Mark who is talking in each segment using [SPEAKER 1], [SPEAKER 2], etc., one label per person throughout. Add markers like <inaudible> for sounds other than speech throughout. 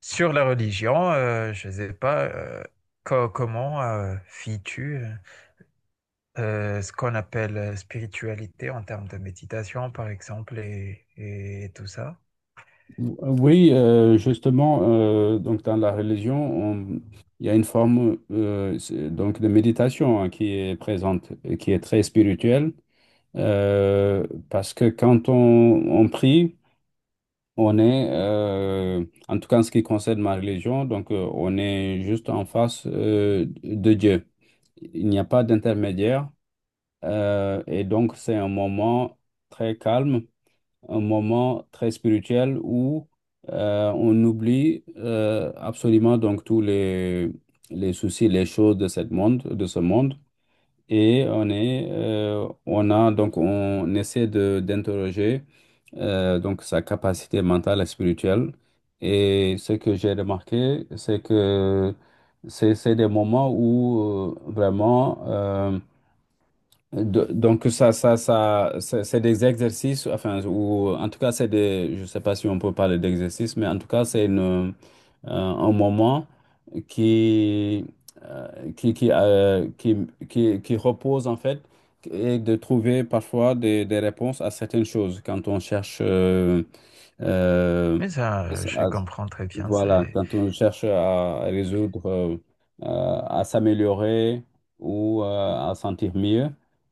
[SPEAKER 1] Sur la religion, je ne sais pas, co- comment tu ce qu'on appelle spiritualité en termes de méditation, par exemple, et tout ça.
[SPEAKER 2] Oui, justement, donc dans la religion, on- il y a une forme donc de méditation hein, qui est présente, et qui est très spirituelle, parce que quand on prie, on est, en tout cas en ce qui concerne ma religion, donc on est juste en face de Dieu. Il n'y a pas d'intermédiaire, et donc c'est un moment très calme, un moment très spirituel où on oublie absolument donc les soucis, les choses de de ce monde. Et on est, on a donc on essaie de d'interroger donc sa capacité mentale et spirituelle. Et ce que j'ai remarqué, c'est que c'est des moments où donc ça, c'est des exercices, enfin, ou en tout cas, je sais pas si on peut parler d'exercices, mais en tout cas, c'est un moment qui, euh, qui, qui, euh, qui, qui repose en fait et de trouver parfois des réponses à certaines choses quand on cherche euh,
[SPEAKER 1] Mais ça, je comprends très bien.
[SPEAKER 2] voilà,
[SPEAKER 1] C'est
[SPEAKER 2] quand on cherche à résoudre, euh, à s'améliorer ou à sentir mieux,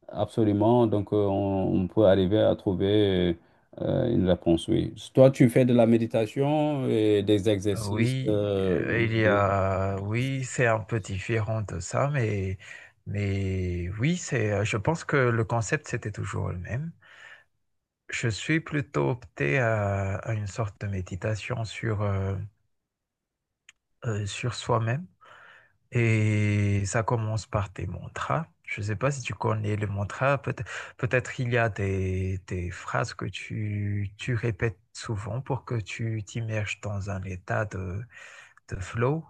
[SPEAKER 2] absolument, donc on peut arriver à trouver une réponse, oui. Toi, tu fais de la méditation et des exercices,
[SPEAKER 1] oui,
[SPEAKER 2] on va
[SPEAKER 1] il y
[SPEAKER 2] dire.
[SPEAKER 1] a oui, c'est un peu différent de ça, mais oui, c'est. Je pense que le concept c'était toujours le même. Je suis plutôt opté à une sorte de méditation sur soi-même. Et ça commence par tes mantras. Je ne sais pas si tu connais le mantra. Peut-être il y a des phrases que tu répètes souvent pour que tu t'immerges dans un état de flow.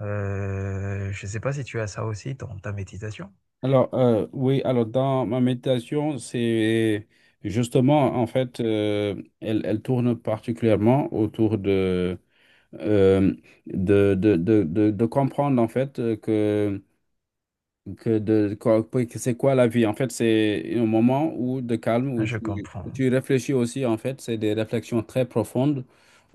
[SPEAKER 1] Je ne sais pas si tu as ça aussi dans ta méditation.
[SPEAKER 2] Alors, oui, alors dans ma méditation, c'est justement, en fait, elle tourne particulièrement autour de. euh, de comprendre en fait que oui, que c'est quoi la vie? En fait, c'est un moment où, de calme
[SPEAKER 1] Ah,
[SPEAKER 2] où
[SPEAKER 1] je comprends.
[SPEAKER 2] où tu réfléchis aussi. En fait, c'est des réflexions très profondes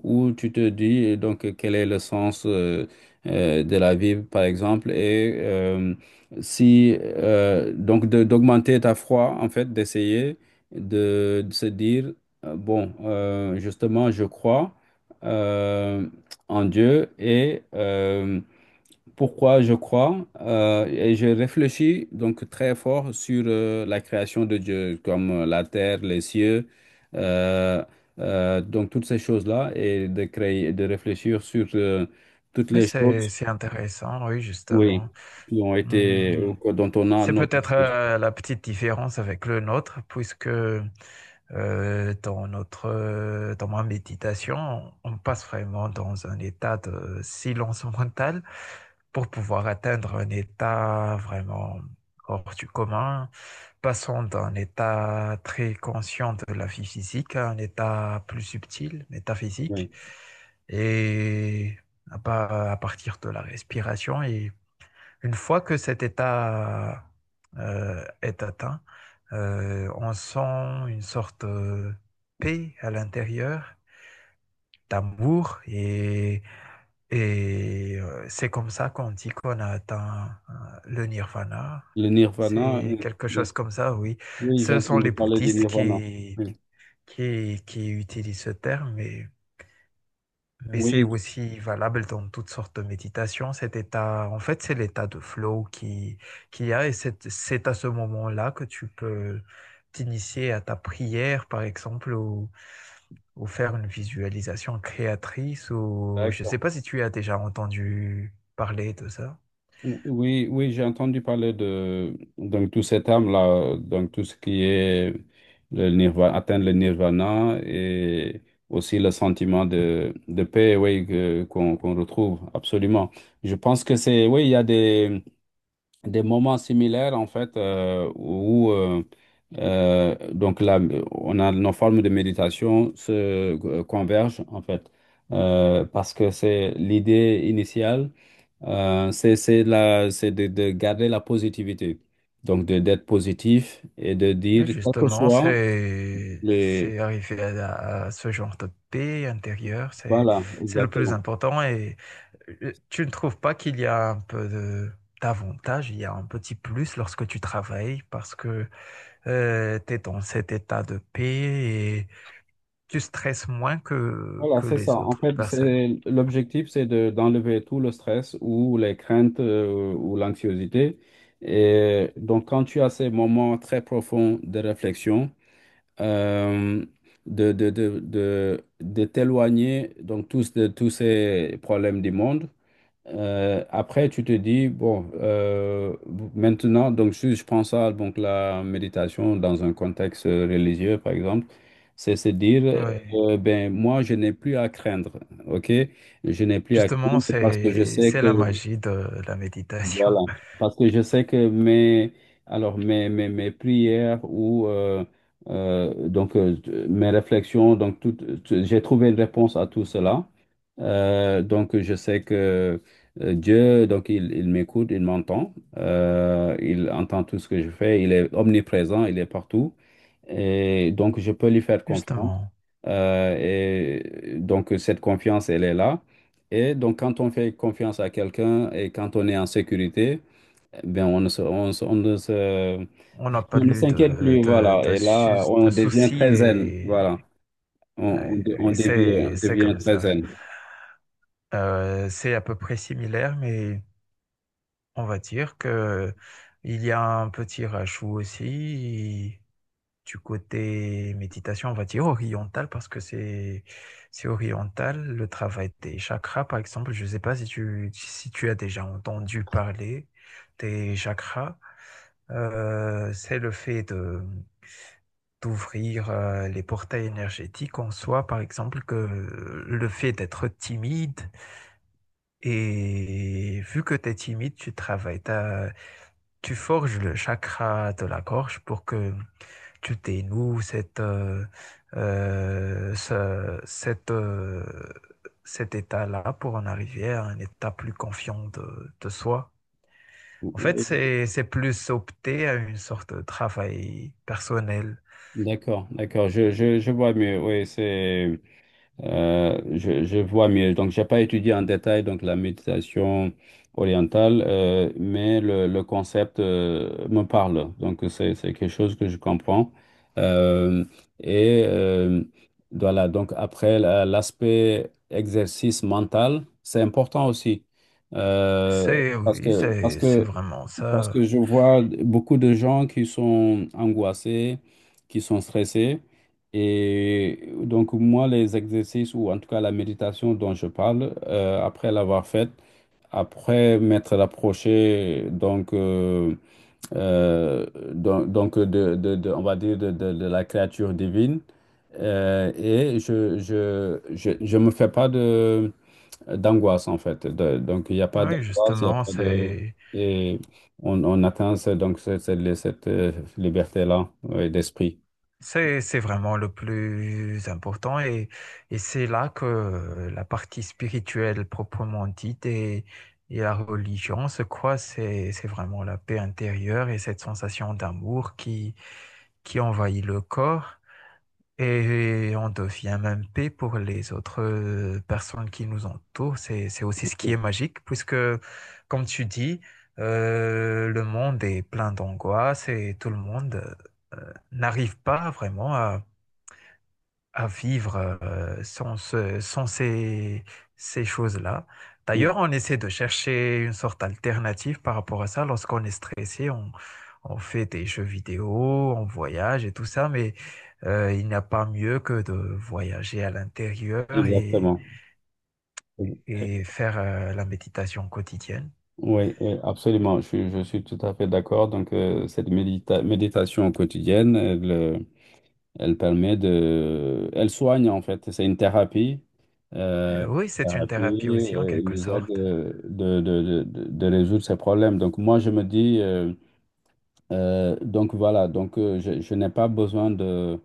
[SPEAKER 2] où tu te dis quel est le sens de la vie, par exemple, et si donc de- d'augmenter ta foi, en fait, d'essayer de se dire bon, justement, je crois euh, en Dieu et pourquoi je crois et je réfléchis donc très fort sur la création de Dieu, comme la terre, les cieux, euh, donc toutes ces choses-là, et de créer, de réfléchir sur toutes
[SPEAKER 1] Oui,
[SPEAKER 2] les
[SPEAKER 1] c'est
[SPEAKER 2] choses,
[SPEAKER 1] c'est intéressant, oui, justement.
[SPEAKER 2] oui, qui ont été,
[SPEAKER 1] Mmh.
[SPEAKER 2] dont on a à
[SPEAKER 1] C'est
[SPEAKER 2] notre
[SPEAKER 1] peut-être
[SPEAKER 2] disposition.
[SPEAKER 1] la petite différence avec le nôtre, puisque dans ma méditation, on passe vraiment dans un état de silence <laughs> mental pour pouvoir atteindre un état vraiment hors du commun, passant d'un état très conscient de la vie physique à un état plus subtil,
[SPEAKER 2] Oui.
[SPEAKER 1] métaphysique, et à partir de la respiration. Et une fois que cet état est atteint, on sent une sorte de paix à l'intérieur, d'amour, et c'est comme ça qu'on dit qu'on a atteint le nirvana.
[SPEAKER 2] Le nirvana,
[SPEAKER 1] C'est quelque
[SPEAKER 2] euh,
[SPEAKER 1] chose comme ça, oui.
[SPEAKER 2] oui, j'ai
[SPEAKER 1] Ce sont
[SPEAKER 2] entendu
[SPEAKER 1] les
[SPEAKER 2] parler du
[SPEAKER 1] bouddhistes
[SPEAKER 2] nirvana. Oui,
[SPEAKER 1] qui utilisent ce terme, mais c'est
[SPEAKER 2] oui,
[SPEAKER 1] aussi valable dans toutes sortes de méditations. Cet état, en fait, c'est l'état de flow qui, qu'il y a, et c'est à ce moment-là que tu peux t'initier à ta prière, par exemple, ou faire une visualisation créatrice, ou je ne sais
[SPEAKER 2] d'accord.
[SPEAKER 1] pas si tu as déjà entendu parler de ça.
[SPEAKER 2] Oui, oui, j'ai entendu parler de donc tout cet âme-là, donc tout ce qui est le nirvana, atteindre le nirvana et aussi le sentiment de paix, oui, qu'on retrouve absolument. Je pense que c'est, oui, il y a des moments similaires en fait où donc là, on a nos formes de méditation se convergent en fait. Parce que c'est l'idée initiale, c'est de garder la positivité, donc de d'être positif et de dire
[SPEAKER 1] Et
[SPEAKER 2] quel que
[SPEAKER 1] justement,
[SPEAKER 2] soit les,
[SPEAKER 1] c'est arriver à ce genre de paix intérieure,
[SPEAKER 2] voilà,
[SPEAKER 1] c'est le plus
[SPEAKER 2] exactement.
[SPEAKER 1] important. Et tu ne trouves pas qu'il y a un peu de d'avantage, il y a un petit plus lorsque tu travailles parce que tu es dans cet état de paix et tu stresses moins que
[SPEAKER 2] Voilà,
[SPEAKER 1] que
[SPEAKER 2] c'est ça.
[SPEAKER 1] les
[SPEAKER 2] En
[SPEAKER 1] autres
[SPEAKER 2] fait,
[SPEAKER 1] personnes.
[SPEAKER 2] c'est l'objectif, c'est de d'enlever tout le stress ou les craintes ou l'anxiété. Et donc, quand tu as ces moments très profonds de réflexion euh, de t'éloigner donc tous de tous ces problèmes du monde. Après, tu te dis, bon, maintenant, donc si je prends ça, donc la méditation dans un contexte religieux, par exemple, c'est se dire,
[SPEAKER 1] Oui,
[SPEAKER 2] ben moi, je n'ai plus à craindre, ok? Je n'ai plus à
[SPEAKER 1] justement,
[SPEAKER 2] craindre parce que je sais
[SPEAKER 1] c'est
[SPEAKER 2] que
[SPEAKER 1] la magie de la
[SPEAKER 2] voilà,
[SPEAKER 1] méditation. <laughs>
[SPEAKER 2] parce que je sais que alors mes prières ou euh, donc euh, mes réflexions, donc j'ai trouvé une réponse à tout cela. Donc je sais que Dieu, donc il m'écoute, il m'entend, il entend tout ce que je fais, il est omniprésent, il est partout, et donc je peux lui faire confiance.
[SPEAKER 1] Justement.
[SPEAKER 2] Et donc cette confiance, elle est là. Et donc quand on fait confiance à quelqu'un et quand on est en sécurité, ben, on ne se, on se-
[SPEAKER 1] On n'a pas
[SPEAKER 2] on ne
[SPEAKER 1] eu
[SPEAKER 2] s'inquiète plus, voilà. Et là,
[SPEAKER 1] de
[SPEAKER 2] on devient
[SPEAKER 1] soucis
[SPEAKER 2] très zen,
[SPEAKER 1] et,
[SPEAKER 2] voilà.
[SPEAKER 1] ouais, et
[SPEAKER 2] On
[SPEAKER 1] c'est
[SPEAKER 2] devient
[SPEAKER 1] comme
[SPEAKER 2] très
[SPEAKER 1] ça.
[SPEAKER 2] zen.
[SPEAKER 1] C'est à peu près similaire, mais on va dire que il y a un petit rajout aussi du côté méditation, on va dire oriental, parce que c'est oriental, le travail des chakras, par exemple. Je ne sais pas si tu as déjà entendu parler des chakras. C'est le fait de d'ouvrir les portails énergétiques en soi, par exemple, que le fait d'être timide, et vu que tu es timide, tu forges le chakra de la gorge pour que tu dénoues euh, ce- cette, euh, cet état-là pour en arriver à un état plus confiant de soi. En fait, c'est plus opter à une sorte de travail personnel.
[SPEAKER 2] D'accord, d'accord, je vois mieux. Oui, c'est. Je vois mieux. Donc, j'ai pas étudié en détail donc la méditation orientale, mais le concept me parle. Donc, c'est quelque chose que je comprends. Euh, et euh, voilà, donc après, l'aspect exercice mental, c'est important aussi. Euh,
[SPEAKER 1] C'est
[SPEAKER 2] parce que,
[SPEAKER 1] oui,
[SPEAKER 2] parce
[SPEAKER 1] c'est
[SPEAKER 2] que
[SPEAKER 1] vraiment
[SPEAKER 2] parce que
[SPEAKER 1] ça.
[SPEAKER 2] je vois beaucoup de gens qui sont angoissés, qui sont stressés. Et donc, moi, les exercices, ou en tout cas la méditation dont je parle, après l'avoir faite, après m'être approché, euh, donc on va dire, de la créature divine, et je me fais pas de d'angoisse en fait. Donc il n'y a pas
[SPEAKER 1] Oui,
[SPEAKER 2] d'angoisse, il n'y a
[SPEAKER 1] justement,
[SPEAKER 2] pas de...
[SPEAKER 1] c'est
[SPEAKER 2] Et on atteint cette, liberté-là, ouais, d'esprit.
[SPEAKER 1] c'est c'est vraiment le plus important, et c'est là que la partie spirituelle proprement dite et la religion se croisent. C'est vraiment la paix intérieure et cette sensation d'amour qui envahit le corps. Et on devient même paix pour les autres personnes qui nous entourent. C'est aussi ce qui est magique, puisque, comme tu dis, le monde est plein d'angoisse et tout le monde n'arrive pas vraiment à vivre sans, sans ces, ces choses-là.
[SPEAKER 2] Mm.
[SPEAKER 1] D'ailleurs, on essaie de chercher une sorte d'alternative par rapport à ça. Lorsqu'on est stressé, on fait des jeux vidéo, on voyage et tout ça, mais il n'y a pas mieux que de voyager à l'intérieur
[SPEAKER 2] Exactement.
[SPEAKER 1] et faire la méditation quotidienne.
[SPEAKER 2] Oui, oui, absolument. Je suis tout à fait d'accord. Donc, cette méditation quotidienne, elle permet de... Elle soigne en fait, c'est une thérapie.
[SPEAKER 1] Oui,
[SPEAKER 2] Une
[SPEAKER 1] c'est une thérapie
[SPEAKER 2] thérapie,
[SPEAKER 1] aussi en
[SPEAKER 2] elle
[SPEAKER 1] quelque
[SPEAKER 2] nous aide
[SPEAKER 1] sorte.
[SPEAKER 2] de résoudre ses problèmes. Donc moi, je me dis, voilà, donc je n'ai pas besoin de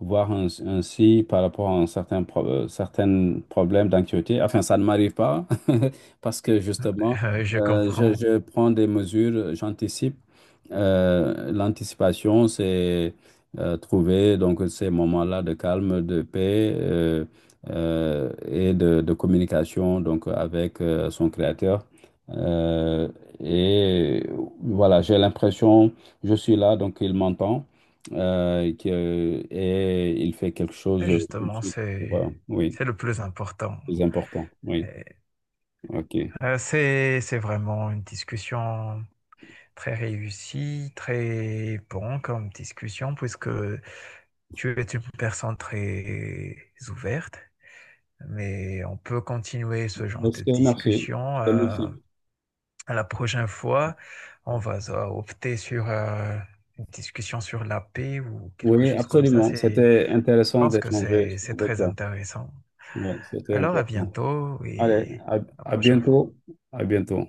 [SPEAKER 2] voir un psy par rapport à un certain, certain problème d'anxiété. Enfin, ça ne m'arrive pas <laughs> parce que justement,
[SPEAKER 1] Je comprends.
[SPEAKER 2] je prends des mesures, j'anticipe. L'anticipation, c'est trouver donc ces moments-là de calme, de paix et de communication donc avec son créateur. Euh, et voilà, j'ai l'impression je suis là, donc il m'entend et il fait quelque chose
[SPEAKER 1] Et
[SPEAKER 2] tout de
[SPEAKER 1] justement,
[SPEAKER 2] suite, pour, oui,
[SPEAKER 1] c'est le plus important.
[SPEAKER 2] c'est important. Oui,
[SPEAKER 1] Euh,
[SPEAKER 2] ok.
[SPEAKER 1] C'est vraiment une discussion très réussie, très bon comme discussion, puisque tu es une personne très ouverte. Mais on peut continuer ce genre
[SPEAKER 2] Donc, je
[SPEAKER 1] de
[SPEAKER 2] te remercie. Je
[SPEAKER 1] discussion.
[SPEAKER 2] te remercie.
[SPEAKER 1] À la prochaine fois, on va opter sur une discussion sur la paix ou quelque
[SPEAKER 2] Oui,
[SPEAKER 1] chose comme ça.
[SPEAKER 2] absolument.
[SPEAKER 1] C'est,
[SPEAKER 2] C'était
[SPEAKER 1] je
[SPEAKER 2] intéressant
[SPEAKER 1] pense que
[SPEAKER 2] d'échanger
[SPEAKER 1] c'est
[SPEAKER 2] avec
[SPEAKER 1] très
[SPEAKER 2] toi.
[SPEAKER 1] intéressant.
[SPEAKER 2] Oui, c'était
[SPEAKER 1] Alors à
[SPEAKER 2] intéressant.
[SPEAKER 1] bientôt
[SPEAKER 2] Allez,
[SPEAKER 1] et à la
[SPEAKER 2] à
[SPEAKER 1] prochaine fois.
[SPEAKER 2] bientôt. À bientôt.